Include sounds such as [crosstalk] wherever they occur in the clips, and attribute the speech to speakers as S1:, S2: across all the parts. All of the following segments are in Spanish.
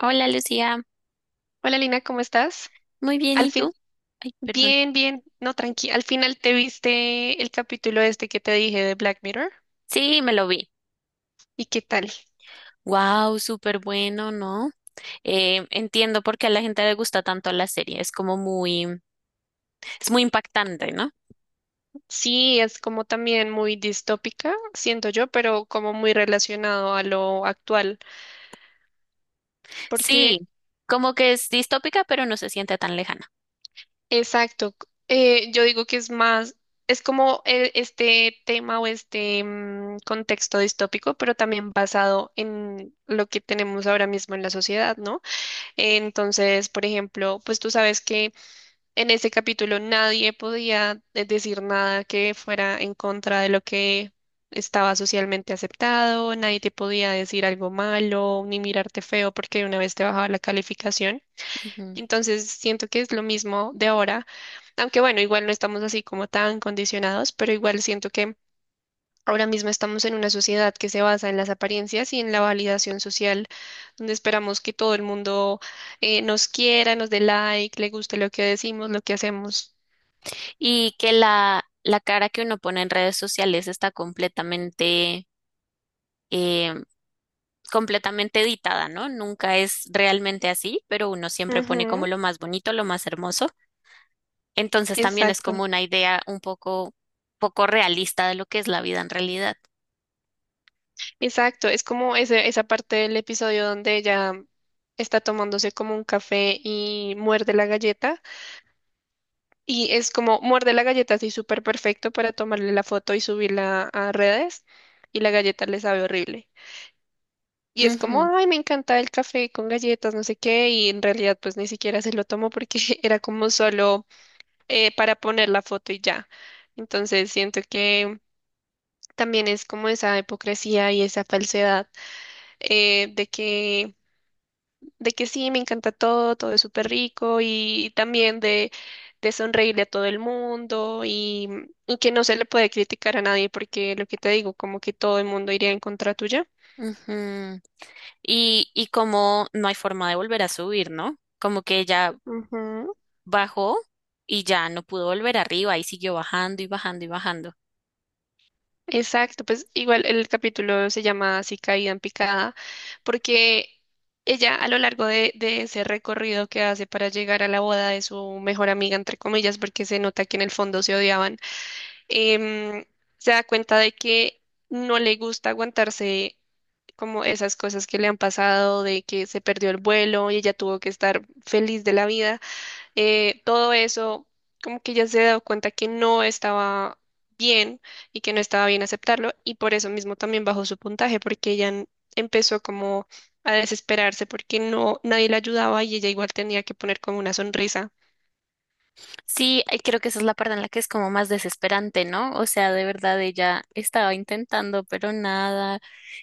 S1: Hola Lucía,
S2: Hola Lina, ¿cómo estás?
S1: muy bien,
S2: Al
S1: ¿y tú?
S2: fin,
S1: Ay, perdón.
S2: bien, bien, no, tranqui. Al final te viste el capítulo este que te dije de Black Mirror.
S1: Sí, me lo vi.
S2: ¿Y qué tal?
S1: Wow, súper bueno, ¿no? Entiendo por qué a la gente le gusta tanto la serie, es muy impactante, ¿no?
S2: Sí, es como también muy distópica, siento yo, pero como muy relacionado a lo actual. Porque,
S1: Sí, como que es distópica, pero no se siente tan lejana.
S2: exacto, yo digo que es más, es como este tema o este contexto distópico, pero también basado en lo que tenemos ahora mismo en la sociedad, ¿no? Entonces, por ejemplo, pues tú sabes que en ese capítulo nadie podía decir nada que fuera en contra de lo que estaba socialmente aceptado, nadie te podía decir algo malo ni mirarte feo porque de una vez te bajaba la calificación.
S1: Ujú.
S2: Entonces siento que es lo mismo de ahora, aunque bueno, igual no estamos así como tan condicionados, pero igual siento que ahora mismo estamos en una sociedad que se basa en las apariencias y en la validación social, donde esperamos que todo el mundo nos quiera, nos dé like, le guste lo que decimos, lo que hacemos.
S1: Y que la cara que uno pone en redes sociales está eh, completamente editada, ¿no? Nunca es realmente así, pero uno siempre pone como
S2: Ujú.
S1: lo más bonito, lo más hermoso. Entonces también es como
S2: Exacto,
S1: una idea un poco, poco realista de lo que es la vida en realidad.
S2: exacto. Es como esa parte del episodio donde ella está tomándose como un café y muerde la galleta. Y es como muerde la galleta así súper perfecto para tomarle la foto y subirla a redes. Y la galleta le sabe horrible. Y es como,
S1: Ujú,
S2: ay, me encanta el café con galletas, no sé qué. Y en realidad pues ni siquiera se lo tomó porque [laughs] era como solo para poner la foto y ya. Entonces siento que también es como esa hipocresía y esa falsedad eh, de que, de que sí, me encanta todo, todo es súper rico y también de sonreírle a todo el mundo y que no se le puede criticar a nadie porque lo que te digo, como que todo el mundo iría en contra tuya.
S1: ujú. Y como no hay forma de volver a subir, ¿no? Como que ella
S2: Ujú.
S1: bajó y ya no pudo volver arriba y siguió bajando y bajando y bajando.
S2: Exacto, pues igual el capítulo se llama así Caída en picada, porque ella a lo largo de ese recorrido que hace para llegar a la boda de su mejor amiga, entre comillas, porque se nota que en el fondo se odiaban, em, se da cuenta de que no le gusta aguantarse como esas cosas que le han pasado, de que se perdió el vuelo y ella tuvo que estar feliz de la vida. Todo eso, como que ella se ha dado cuenta que no estaba bien y que no estaba bien aceptarlo y por eso mismo también bajó su puntaje porque ella empezó como a desesperarse porque no nadie la ayudaba y ella igual tenía que poner como una sonrisa.
S1: Sí, creo que esa es la parte en la que es como más desesperante, ¿no? O sea, de verdad ella estaba intentando, pero nada,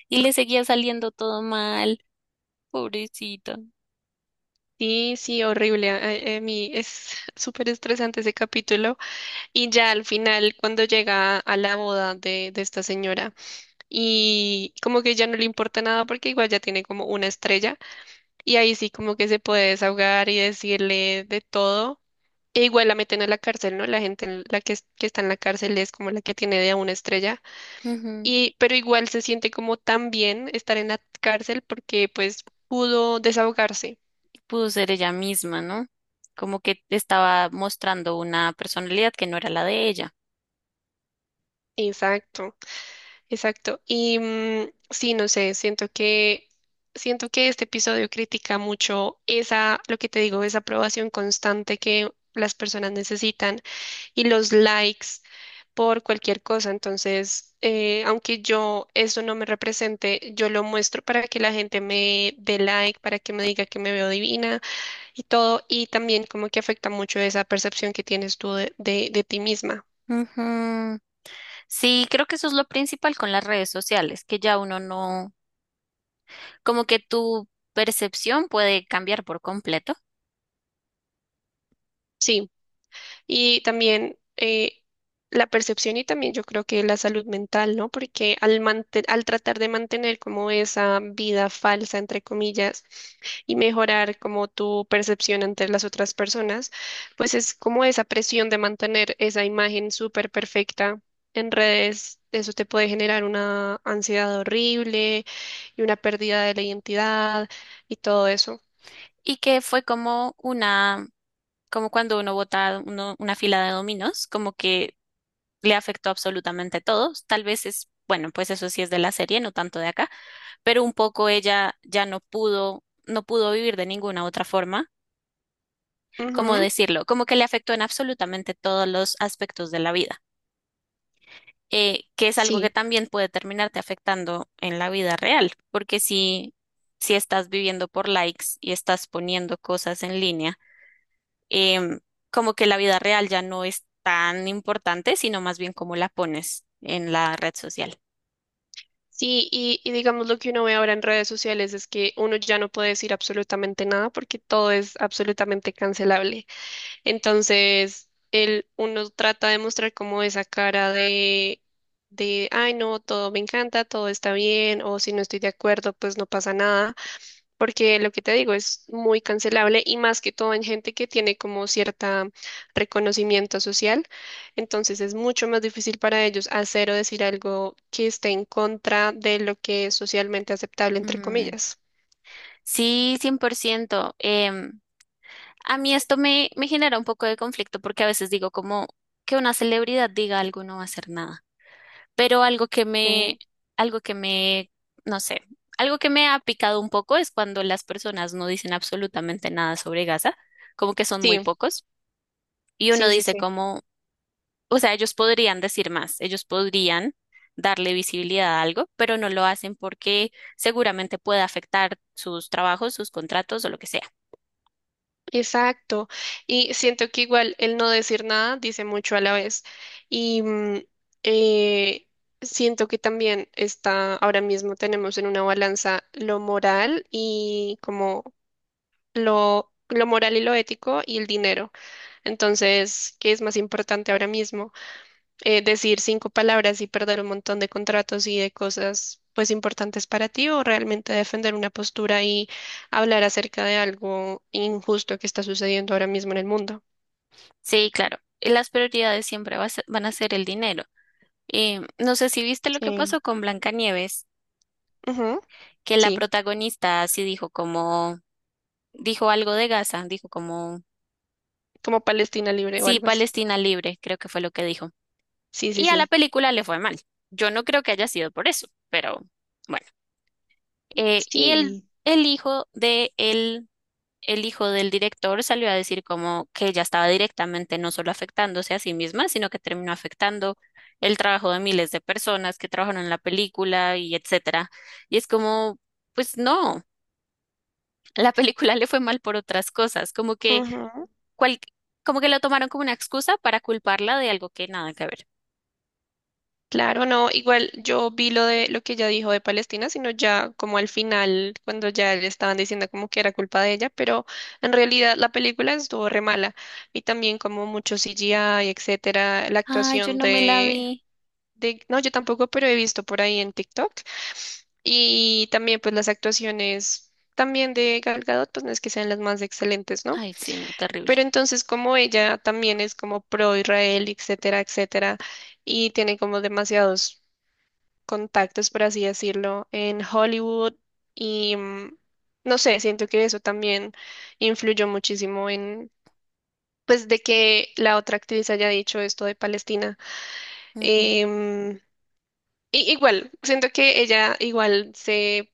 S1: y le seguía saliendo todo mal, pobrecita.
S2: Sí, sí, horrible. A mí es [laughs] súper estresante ese capítulo. Y ya al final, cuando llega a la boda de esta señora, y como que ya no le importa nada porque igual ya tiene como una estrella, y ahí sí como que se puede desahogar y decirle de todo. E igual la meten a la cárcel, ¿no? La gente en la que, que está en la cárcel es como la que tiene de a una estrella.
S1: Ujú.
S2: Pero igual se siente como tan bien estar en la cárcel porque pues pudo desahogarse.
S1: Pudo ser ella misma, ¿no? Como que estaba mostrando una personalidad que no era la de ella.
S2: Exacto. Exacto. Y sí, no sé, siento que este episodio critica mucho esa, lo que te digo, esa aprobación constante que las personas necesitan y los likes por cualquier cosa. Entonces, aunque yo eso no me represente, yo lo muestro para que la gente me dé like, para que me diga que me veo divina y todo. Y también como que afecta mucho esa percepción que tienes tú de ti misma.
S1: Ujú. Sí, creo que eso es lo principal con las redes sociales, que ya uno no, como que tu percepción puede cambiar por completo.
S2: Sí. Y también la percepción y también yo creo que la salud mental, ¿no? Porque al tratar de mantener como esa vida falsa, entre comillas, y mejorar como tu percepción ante las otras personas, pues es como esa presión de mantener esa imagen súper perfecta en redes. Eso te puede generar una ansiedad horrible y una pérdida de la identidad y todo eso.
S1: Y que fue como una, como cuando uno vota una fila de dominos, como que le afectó absolutamente todo. Tal vez es, bueno, pues eso sí es de la serie, no tanto de acá, pero un poco ella ya no pudo, no pudo vivir de ninguna otra forma, ¿cómo
S2: Ujú.
S1: decirlo? Como que le afectó en absolutamente todos los aspectos de la vida. Que es algo que
S2: Sí.
S1: también puede terminarte afectando en la vida real, porque si, si estás viviendo por likes y estás poniendo cosas en línea, em, como que la vida real ya no es tan importante, sino más bien cómo la pones en la red social.
S2: Sí, y digamos lo que uno ve ahora en redes sociales es que uno ya no puede decir absolutamente nada porque todo es absolutamente cancelable. Entonces, uno trata de mostrar como esa cara ay, no, todo me encanta, todo está bien, o si no estoy de acuerdo, pues no pasa nada porque lo que te digo es muy cancelable y más que todo en gente que tiene como cierta reconocimiento social, entonces es mucho más difícil para ellos hacer o decir algo que esté en contra de lo que es socialmente aceptable, entre
S1: Mm,
S2: comillas.
S1: sí, 100%. A mí esto me genera un poco de conflicto porque a veces digo como que una celebridad diga algo no va a hacer nada, pero
S2: Mm.
S1: algo que me, no sé, algo que me ha picado un poco es cuando las personas no dicen absolutamente nada sobre Gaza, como que son muy
S2: Sí,
S1: pocos. Y uno
S2: sí, sí,
S1: dice
S2: sí.
S1: como, o sea, ellos podrían decir más, ellos podrían darle visibilidad a algo, pero no lo hacen porque seguramente puede afectar sus trabajos, sus contratos o lo que sea.
S2: Exacto. Y siento que igual el no decir nada dice mucho a la vez. Y eh, siento que también está, ahora mismo tenemos en una balanza lo moral y como lo moral y lo ético y el dinero. Entonces, ¿qué es más importante ahora mismo? Decir cinco palabras y perder un montón de contratos y de cosas pues importantes para ti o realmente defender una postura y hablar acerca de algo injusto que está sucediendo ahora mismo en el mundo.
S1: Sí, claro, las prioridades siempre va a ser- van a ser el dinero. No sé si viste lo que
S2: Sí.
S1: pasó con Blancanieves,
S2: Ujú.
S1: que la
S2: Sí,
S1: protagonista sí dijo como, dijo algo de Gaza, dijo como,
S2: como Palestina libre o
S1: sí,
S2: algo así.
S1: Palestina libre, creo que fue lo que dijo.
S2: Sí, sí,
S1: Y a la
S2: sí.
S1: película le fue mal. Yo no creo que haya sido por eso, pero bueno. Eh, y el,
S2: Sí.
S1: el hijo el hijo del director salió a decir como que ella estaba directamente no solo afectándose a sí misma, sino que terminó afectando el trabajo de miles de personas que trabajaron en la película y etcétera. Y es como, pues no, la película le fue mal por otras cosas,
S2: Ujú.
S1: cual, como que lo tomaron como una excusa para culparla de algo que nada que ver.
S2: Claro, no, igual yo vi lo de lo que ella dijo de Palestina, sino ya como al final, cuando ya le estaban diciendo como que era culpa de ella, pero en realidad la película estuvo re mala y también como mucho CGI, etcétera, la
S1: Ay, yo
S2: actuación
S1: no me la
S2: de,
S1: vi.
S2: no, yo tampoco, pero he visto por ahí en TikTok y también pues las actuaciones también de Gal Gadot, pues no es que sean las más excelentes, ¿no?
S1: Ay, sí, no, terrible.
S2: Pero entonces como ella también es como pro Israel, etcétera, etcétera y tiene como demasiados contactos, por así decirlo, en Hollywood y no sé, siento que eso también influyó muchísimo en, pues, de que la otra actriz haya dicho esto de Palestina. Em, igual, siento que ella igual se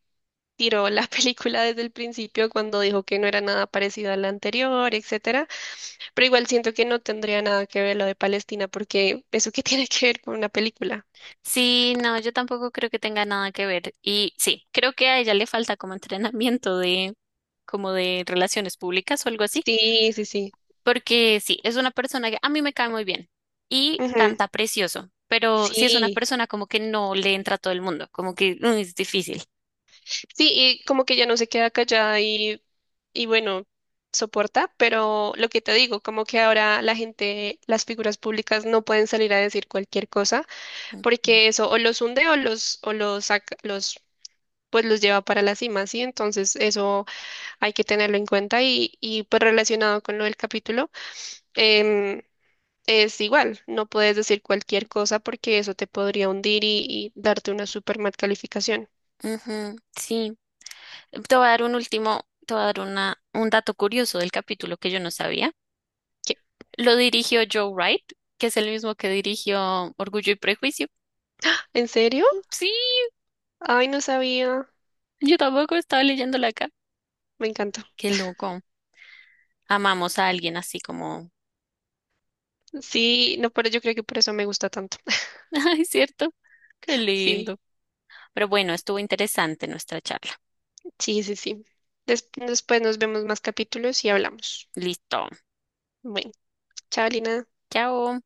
S2: tiró la [laughs] película desde el principio cuando dijo que no era nada parecido a la anterior, etcétera, pero igual siento que no tendría nada que ver lo de Palestina porque eso que [laughs] tiene que ver con una película.
S1: Sí, no, yo tampoco creo que tenga nada que ver. Y sí, creo que a ella le falta como [laughs] entrenamiento de, como de relaciones públicas o algo así.
S2: Sí, sí, sí.
S1: Porque sí, es una persona que a mí me cae muy bien y
S2: Ujú.
S1: canta precioso, pero sí es una
S2: Sí.
S1: persona como que no le entra a todo el mundo, como que mm, es difícil.
S2: Sí, y como que ya no se queda callada y bueno, soporta, pero lo que te digo, como que ahora la gente, las figuras públicas no pueden salir a decir cualquier cosa,
S1: Ujú.
S2: porque eso o los hunde o o los saca, pues los lleva para la cima, ¿sí? Entonces eso hay que tenerlo en cuenta y pues relacionado con lo del capítulo, em, es igual, no puedes decir cualquier cosa porque eso te podría hundir y darte una super mal calificación.
S1: Ujú, sí. Te voy a dar un último, te voy a dar una, un dato curioso del capítulo que yo no sabía.
S2: ¿Qué?
S1: Lo dirigió Joe Wright, que es el mismo que dirigió Orgullo y Prejuicio.
S2: ¿En serio?
S1: Mm, sí,
S2: Ay, no sabía.
S1: yo tampoco estaba leyéndola acá.
S2: Me encanta.
S1: Qué loco. Amamos a alguien así como...
S2: Sí, no, pero yo creo que por eso me gusta tanto. [laughs]
S1: [laughs] Ay, ¿cierto? Qué lindo.
S2: Sí,
S1: Pero bueno, estuvo interesante nuestra charla.
S2: sí, sí, sí. Después nos vemos más capítulos y hablamos.
S1: Listo.
S2: Bueno, chao, Lina.
S1: Chao.